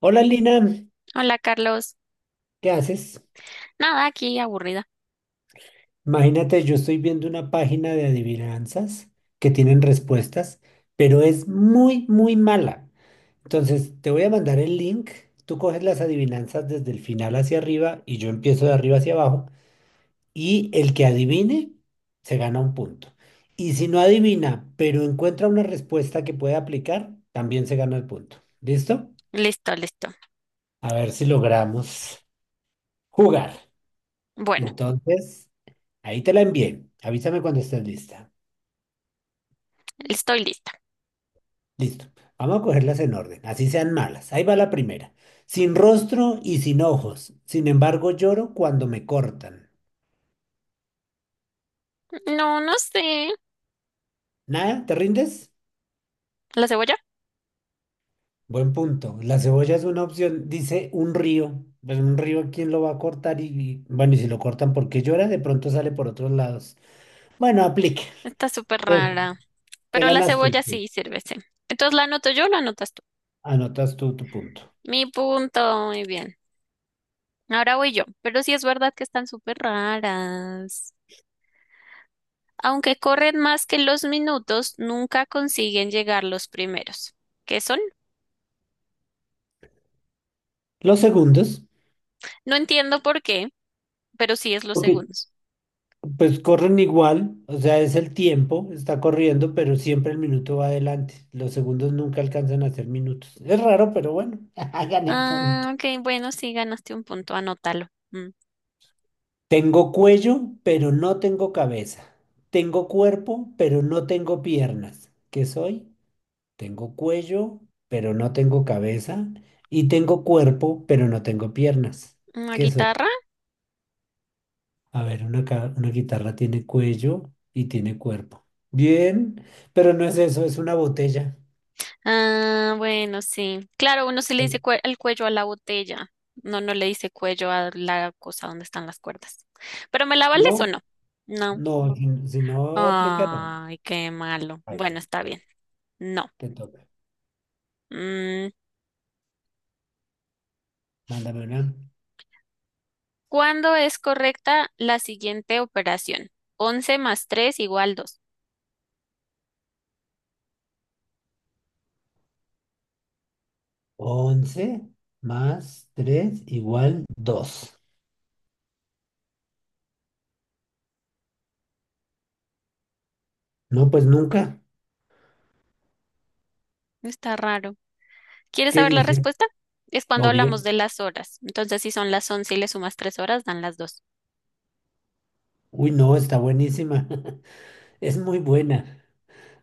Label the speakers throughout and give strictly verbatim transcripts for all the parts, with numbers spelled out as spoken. Speaker 1: Hola Lina,
Speaker 2: Hola Carlos.
Speaker 1: ¿qué haces?
Speaker 2: Nada, aquí aburrida.
Speaker 1: Imagínate, yo estoy viendo una página de adivinanzas que tienen respuestas, pero es muy, muy mala. Entonces, te voy a mandar el link, tú coges las adivinanzas desde el final hacia arriba y yo empiezo de arriba hacia abajo y el que adivine se gana un punto. Y si no adivina, pero encuentra una respuesta que puede aplicar, también se gana el punto. ¿Listo?
Speaker 2: Listo, listo.
Speaker 1: A ver si logramos jugar.
Speaker 2: Bueno,
Speaker 1: Entonces... Ahí te la envié. Avísame cuando estés lista.
Speaker 2: estoy lista.
Speaker 1: Listo. Vamos a cogerlas en orden, así sean malas. Ahí va la primera. Sin rostro y sin ojos. Sin embargo, lloro cuando me cortan.
Speaker 2: No, no sé.
Speaker 1: ¿Nada? ¿Te rindes?
Speaker 2: ¿La cebolla?
Speaker 1: Buen punto. La cebolla es una opción. Dice un río. Pues un río, ¿quién lo va a cortar? Y, y, bueno, y si lo cortan porque llora, de pronto sale por otros lados. Bueno, aplique.
Speaker 2: Está súper
Speaker 1: Te,
Speaker 2: rara.
Speaker 1: te
Speaker 2: Pero la
Speaker 1: ganaste el
Speaker 2: cebolla
Speaker 1: punto.
Speaker 2: sí sirve, sí. Entonces la anoto yo o la anotas tú.
Speaker 1: Anotas tú tu punto.
Speaker 2: Mi punto, muy bien. Ahora voy yo. Pero sí es verdad que están súper raras. Aunque corren más que los minutos, nunca consiguen llegar los primeros. ¿Qué son?
Speaker 1: Los segundos.
Speaker 2: No entiendo por qué, pero sí es los
Speaker 1: Ok,
Speaker 2: segundos.
Speaker 1: pues corren igual, o sea, es el tiempo, está corriendo, pero siempre el minuto va adelante. Los segundos nunca alcanzan a ser minutos. Es raro, pero bueno, Gané punto.
Speaker 2: Ah, ok, bueno, sí ganaste un punto, anótalo. Mm.
Speaker 1: Tengo cuello, pero no tengo cabeza. Tengo cuerpo, pero no tengo piernas. ¿Qué soy? Tengo cuello, pero no tengo cabeza. Y tengo cuerpo, pero no tengo piernas.
Speaker 2: ¿Una
Speaker 1: ¿Qué soy?
Speaker 2: guitarra?
Speaker 1: A ver, una, ca- una guitarra tiene cuello y tiene cuerpo. Bien, pero no es eso, es una botella.
Speaker 2: Ah, bueno, sí. Claro, uno se le dice cue- el cuello a la botella. No, no le dice cuello a la cosa donde están las cuerdas. ¿Pero me la
Speaker 1: No,
Speaker 2: vales o no? No.
Speaker 1: no, si, si no aplicará.
Speaker 2: Ay, qué malo.
Speaker 1: Ay,
Speaker 2: Bueno,
Speaker 1: no,
Speaker 2: está
Speaker 1: te
Speaker 2: bien. No.
Speaker 1: te toca.
Speaker 2: Mm,
Speaker 1: Mándame una.
Speaker 2: ¿cuándo es correcta la siguiente operación? Once más tres igual dos.
Speaker 1: Once más tres igual dos. No, pues nunca.
Speaker 2: Está raro. ¿Quieres
Speaker 1: ¿Qué
Speaker 2: saber la
Speaker 1: dice?
Speaker 2: respuesta? Es cuando hablamos
Speaker 1: Obvio.
Speaker 2: de las horas. Entonces, si son las once y le sumas tres horas, dan las dos.
Speaker 1: Uy, no, está buenísima. Es muy buena.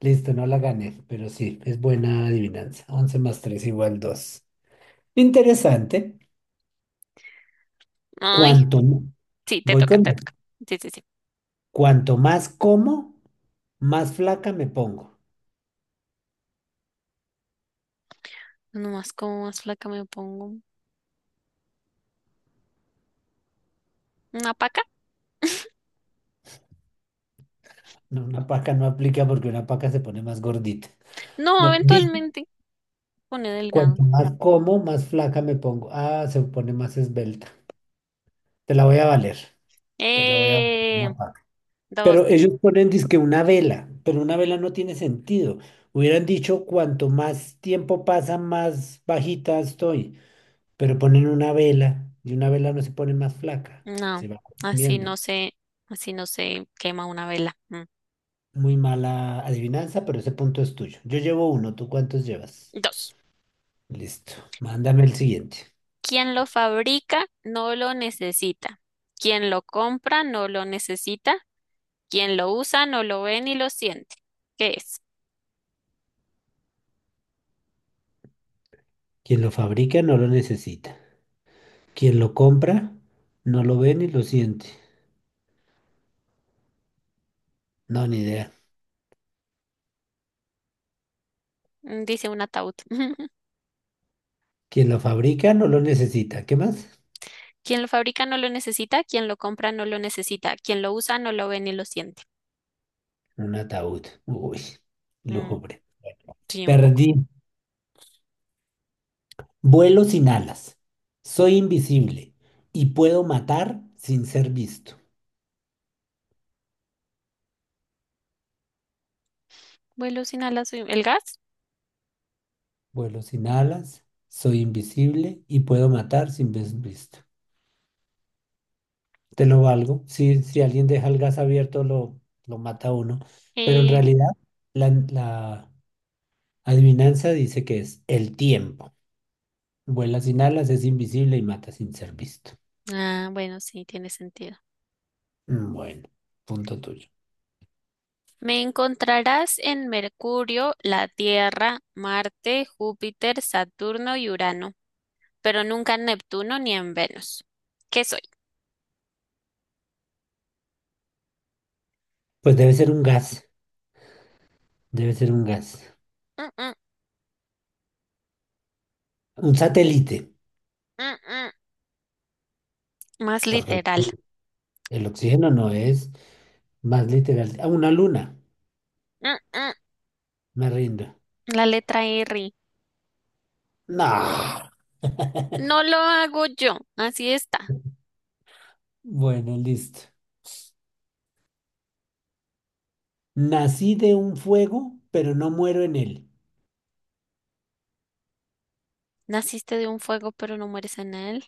Speaker 1: Listo, no la gané, pero sí, es buena adivinanza. Once más tres igual dos. Interesante.
Speaker 2: Ay,
Speaker 1: Cuanto, m-
Speaker 2: sí, te
Speaker 1: voy
Speaker 2: toca,
Speaker 1: con
Speaker 2: te
Speaker 1: la-
Speaker 2: toca. Sí, sí, sí.
Speaker 1: Cuanto más como, más flaca me pongo.
Speaker 2: Nomás como más flaca me pongo. ¿Una paca?
Speaker 1: No, una paca no aplica porque una paca se pone más gordita.
Speaker 2: No,
Speaker 1: No, dice,
Speaker 2: eventualmente pone delgado.
Speaker 1: cuanto más como, más flaca me pongo. Ah, se pone más esbelta. Te la voy a valer. Te la voy a valer,
Speaker 2: Eh,
Speaker 1: una paca.
Speaker 2: dos.
Speaker 1: Pero ellos ponen, dizque una vela, pero una vela no tiene sentido. Hubieran dicho, cuanto más tiempo pasa, más bajita estoy. Pero ponen una vela y una vela no se pone más flaca.
Speaker 2: No,
Speaker 1: Se va
Speaker 2: así
Speaker 1: consumiendo.
Speaker 2: no se, así no se quema una vela. Mm.
Speaker 1: Muy mala adivinanza, pero ese punto es tuyo. Yo llevo uno, ¿tú cuántos llevas?
Speaker 2: Dos.
Speaker 1: Listo. Mándame el siguiente.
Speaker 2: Quien lo fabrica no lo necesita. Quien lo compra no lo necesita. Quien lo usa no lo ve ni lo siente. ¿Qué es?
Speaker 1: Quien lo fabrica no lo necesita. Quien lo compra no lo ve ni lo siente. No, ni idea.
Speaker 2: Mm, Dice un ataúd.
Speaker 1: Quien lo fabrica no lo necesita. ¿Qué más?
Speaker 2: Quien lo fabrica no lo necesita. Quien lo compra no lo necesita. Quien lo usa no lo ve ni lo siente.
Speaker 1: Un ataúd. Uy,
Speaker 2: Mm,
Speaker 1: lúgubre.
Speaker 2: sí, un poco.
Speaker 1: Perdí. Vuelo sin alas. Soy invisible y puedo matar sin ser visto.
Speaker 2: Vuelo sin alas, soy- el gas.
Speaker 1: Vuelo sin alas. Soy invisible y puedo matar sin ser visto. Te lo valgo. Si, si alguien deja el gas abierto, lo, lo mata a uno. Pero en
Speaker 2: Eh,
Speaker 1: realidad, la, la adivinanza dice que es el tiempo. Vuela sin alas, es invisible y mata sin ser visto.
Speaker 2: ah, bueno, sí, tiene sentido.
Speaker 1: Mm, bueno, punto tuyo.
Speaker 2: Me encontrarás en Mercurio, la Tierra, Marte, Júpiter, Saturno y Urano, pero nunca en Neptuno ni en Venus. ¿Qué soy?
Speaker 1: Pues debe ser un gas. Debe ser un gas.
Speaker 2: Mm, mm,
Speaker 1: Un satélite.
Speaker 2: mm, mm. Más
Speaker 1: Porque el
Speaker 2: literal.
Speaker 1: el oxígeno no es más literal. Ah, una luna.
Speaker 2: Mm, mm.
Speaker 1: Me rindo.
Speaker 2: La letra R.
Speaker 1: No.
Speaker 2: No lo hago yo, así está.
Speaker 1: Bueno, listo. Nací de un fuego, pero no muero en él.
Speaker 2: Naciste de un fuego, pero no mueres en él.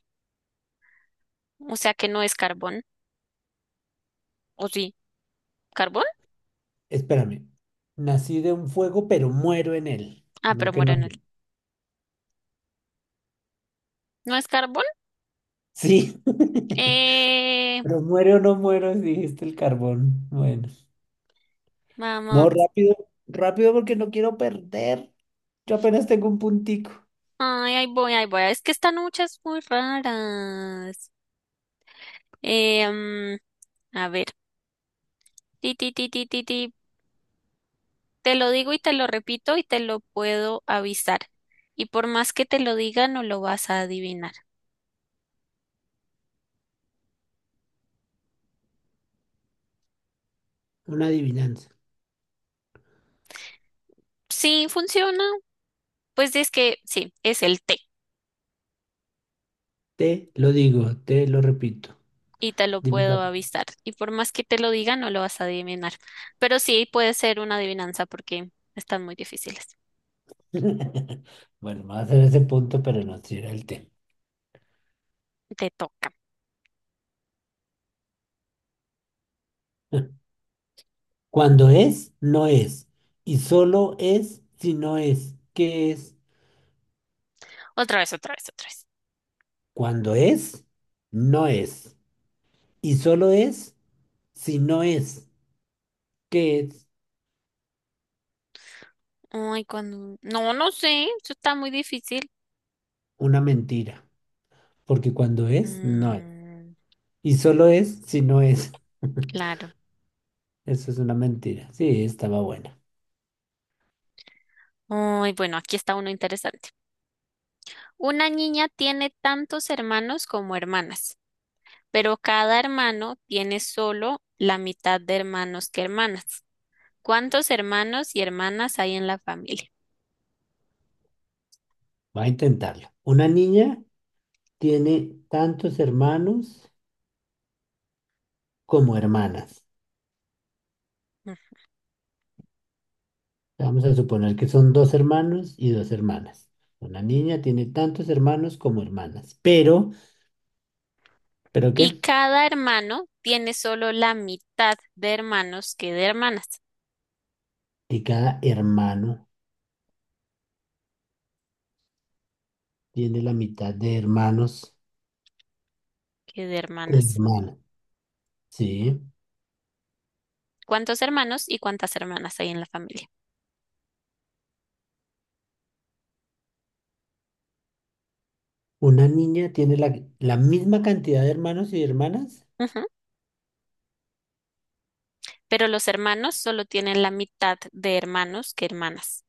Speaker 2: O sea que no es carbón. ¿O sí? ¿Carbón?
Speaker 1: Espérame. Nací de un fuego, pero muero en él.
Speaker 2: Ah,
Speaker 1: No
Speaker 2: pero
Speaker 1: que
Speaker 2: muero en
Speaker 1: no.
Speaker 2: él. ¿No es carbón?
Speaker 1: Sí.
Speaker 2: Eh...
Speaker 1: Pero muero o no muero, dijiste el carbón. Bueno. No,
Speaker 2: Vamos.
Speaker 1: rápido. Rápido porque no quiero perder. Yo apenas tengo un puntico.
Speaker 2: Ay, ahí voy, ahí voy. Es que están muchas muy raras. Em, a ver, ti, ti, ti, ti, ti, ti. Te lo digo y te lo repito y te lo puedo avisar. Y por más que te lo diga, no lo vas a adivinar.
Speaker 1: Una adivinanza.
Speaker 2: Sí, funciona. Pues es que sí, es el té
Speaker 1: Te lo digo, te lo repito.
Speaker 2: y te lo
Speaker 1: Dime la.
Speaker 2: puedo avisar. Y por más que te lo diga, no lo vas a adivinar. Pero sí puede ser una adivinanza porque están muy difíciles.
Speaker 1: Bueno, va a hacer ese punto, pero no será el tema.
Speaker 2: Te toca.
Speaker 1: Cuando es, no es. Y solo es si no es. ¿Qué es?
Speaker 2: Otra vez, otra vez, otra vez.
Speaker 1: Cuando es, no es. Y solo es si no es, que es
Speaker 2: Ay, cuando... No, no sé, eso está muy difícil.
Speaker 1: una mentira, porque cuando es, no es.
Speaker 2: Mm,
Speaker 1: Y solo es si no es.
Speaker 2: claro.
Speaker 1: Eso es una mentira. Sí, estaba buena.
Speaker 2: Uy, bueno, aquí está uno interesante. Una niña tiene tantos hermanos como hermanas, pero cada hermano tiene solo la mitad de hermanos que hermanas. ¿Cuántos hermanos y hermanas hay en la familia?
Speaker 1: Va a intentarlo. Una niña tiene tantos hermanos como hermanas.
Speaker 2: Mm.
Speaker 1: Vamos a suponer que son dos hermanos y dos hermanas. Una niña tiene tantos hermanos como hermanas. Pero, ¿pero qué?
Speaker 2: Y cada hermano tiene solo la mitad de hermanos que de hermanas,
Speaker 1: Y cada hermano tiene la mitad de hermanos
Speaker 2: que de
Speaker 1: que
Speaker 2: hermanas.
Speaker 1: hermanas. Sí.
Speaker 2: ¿Cuántos hermanos y cuántas hermanas hay en la familia?
Speaker 1: Una niña tiene la, la misma cantidad de hermanos y hermanas.
Speaker 2: Ujú. Pero los hermanos solo tienen la mitad de hermanos que hermanas.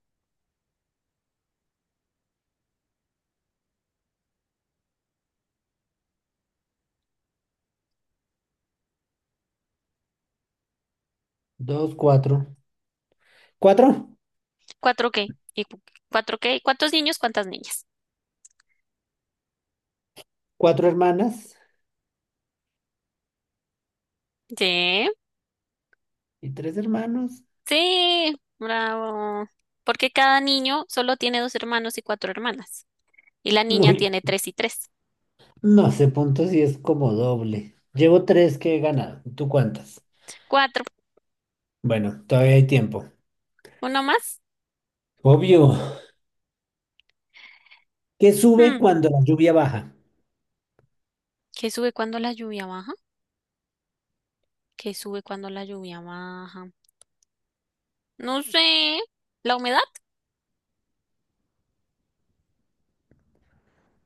Speaker 1: Dos, cuatro. ¿Cuatro?
Speaker 2: Cuatro k Y cu- cuatro ka. ¿Cuántos niños? ¿Cuántas niñas?
Speaker 1: Cuatro hermanas
Speaker 2: Sí,
Speaker 1: y tres hermanos.
Speaker 2: sí, bravo. Porque cada niño solo tiene dos hermanos y cuatro hermanas. Y la niña
Speaker 1: Uy,
Speaker 2: tiene tres y tres.
Speaker 1: no sé punto si es como doble. Llevo tres que he ganado. ¿Tú cuántas?
Speaker 2: Cuatro.
Speaker 1: Bueno, todavía hay tiempo.
Speaker 2: ¿Uno más?
Speaker 1: Obvio. ¿Qué sube
Speaker 2: Hmm,
Speaker 1: cuando la lluvia baja?
Speaker 2: ¿Qué sube cuando la lluvia baja? ¿Qué sube cuando la lluvia baja? No sé. ¿La humedad?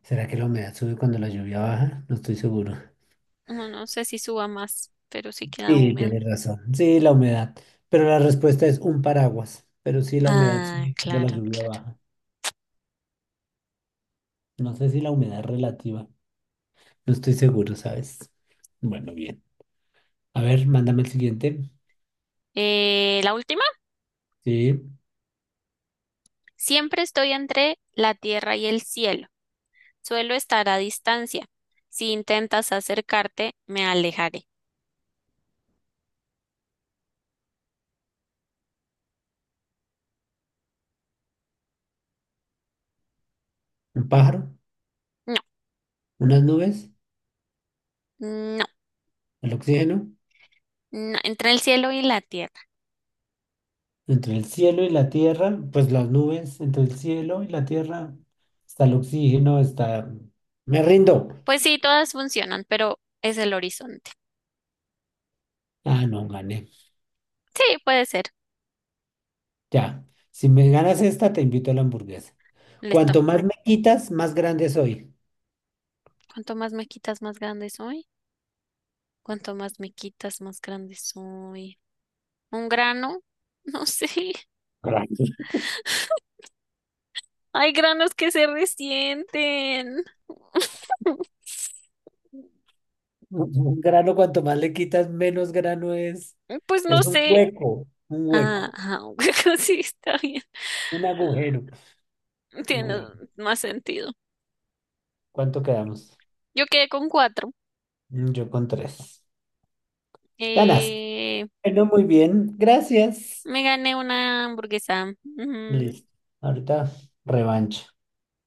Speaker 1: ¿Será que la humedad sube cuando la lluvia baja? No estoy seguro.
Speaker 2: No, no sé si suba más, pero sí queda
Speaker 1: Sí,
Speaker 2: húmedo.
Speaker 1: tienes razón. Sí, la humedad. Pero la respuesta es un paraguas. Pero sí, la humedad
Speaker 2: Ah,
Speaker 1: sube cuando la
Speaker 2: claro,
Speaker 1: lluvia
Speaker 2: claro.
Speaker 1: baja. No sé si la humedad es relativa. No estoy seguro, ¿sabes? Bueno, bien. A ver, mándame el siguiente.
Speaker 2: Eh, la última.
Speaker 1: Sí,
Speaker 2: Siempre estoy entre la tierra y el cielo. Suelo estar a distancia. Si intentas acercarte, me alejaré.
Speaker 1: un pájaro,
Speaker 2: No,
Speaker 1: unas nubes,
Speaker 2: no,
Speaker 1: el oxígeno,
Speaker 2: no, entre el cielo y la tierra.
Speaker 1: entre el cielo y la tierra, pues las nubes, entre el cielo y la tierra, está el oxígeno, está... Me rindo.
Speaker 2: Pues sí, todas funcionan, pero es el horizonte.
Speaker 1: Ah, no, gané.
Speaker 2: Sí, puede ser.
Speaker 1: Ya. Si me ganas esta, te invito a la hamburguesa.
Speaker 2: Listo.
Speaker 1: Cuanto más me quitas, más grande soy.
Speaker 2: Cuanto más me quitas, más grande soy. Cuanto más me quitas, más grande soy. ¿Un grano? No sé.
Speaker 1: Grande.
Speaker 2: Hay granos que se resienten.
Speaker 1: Un un grano, cuanto más le quitas, menos grano es.
Speaker 2: Pues no
Speaker 1: Es un
Speaker 2: sé.
Speaker 1: hueco, un
Speaker 2: Ah,
Speaker 1: hueco,
Speaker 2: ah, sí, está bien.
Speaker 1: un
Speaker 2: Ah,
Speaker 1: agujero.
Speaker 2: tiene
Speaker 1: Bueno.
Speaker 2: más sentido.
Speaker 1: ¿Cuánto quedamos?
Speaker 2: Yo quedé con cuatro.
Speaker 1: Mm, yo con tres. Ganas.
Speaker 2: Eh,
Speaker 1: Bueno, muy bien. Gracias.
Speaker 2: me gané una hamburguesa. Ujú,
Speaker 1: Listo. Ahorita revancha.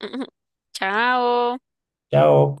Speaker 2: ujú. Chao.
Speaker 1: Chao.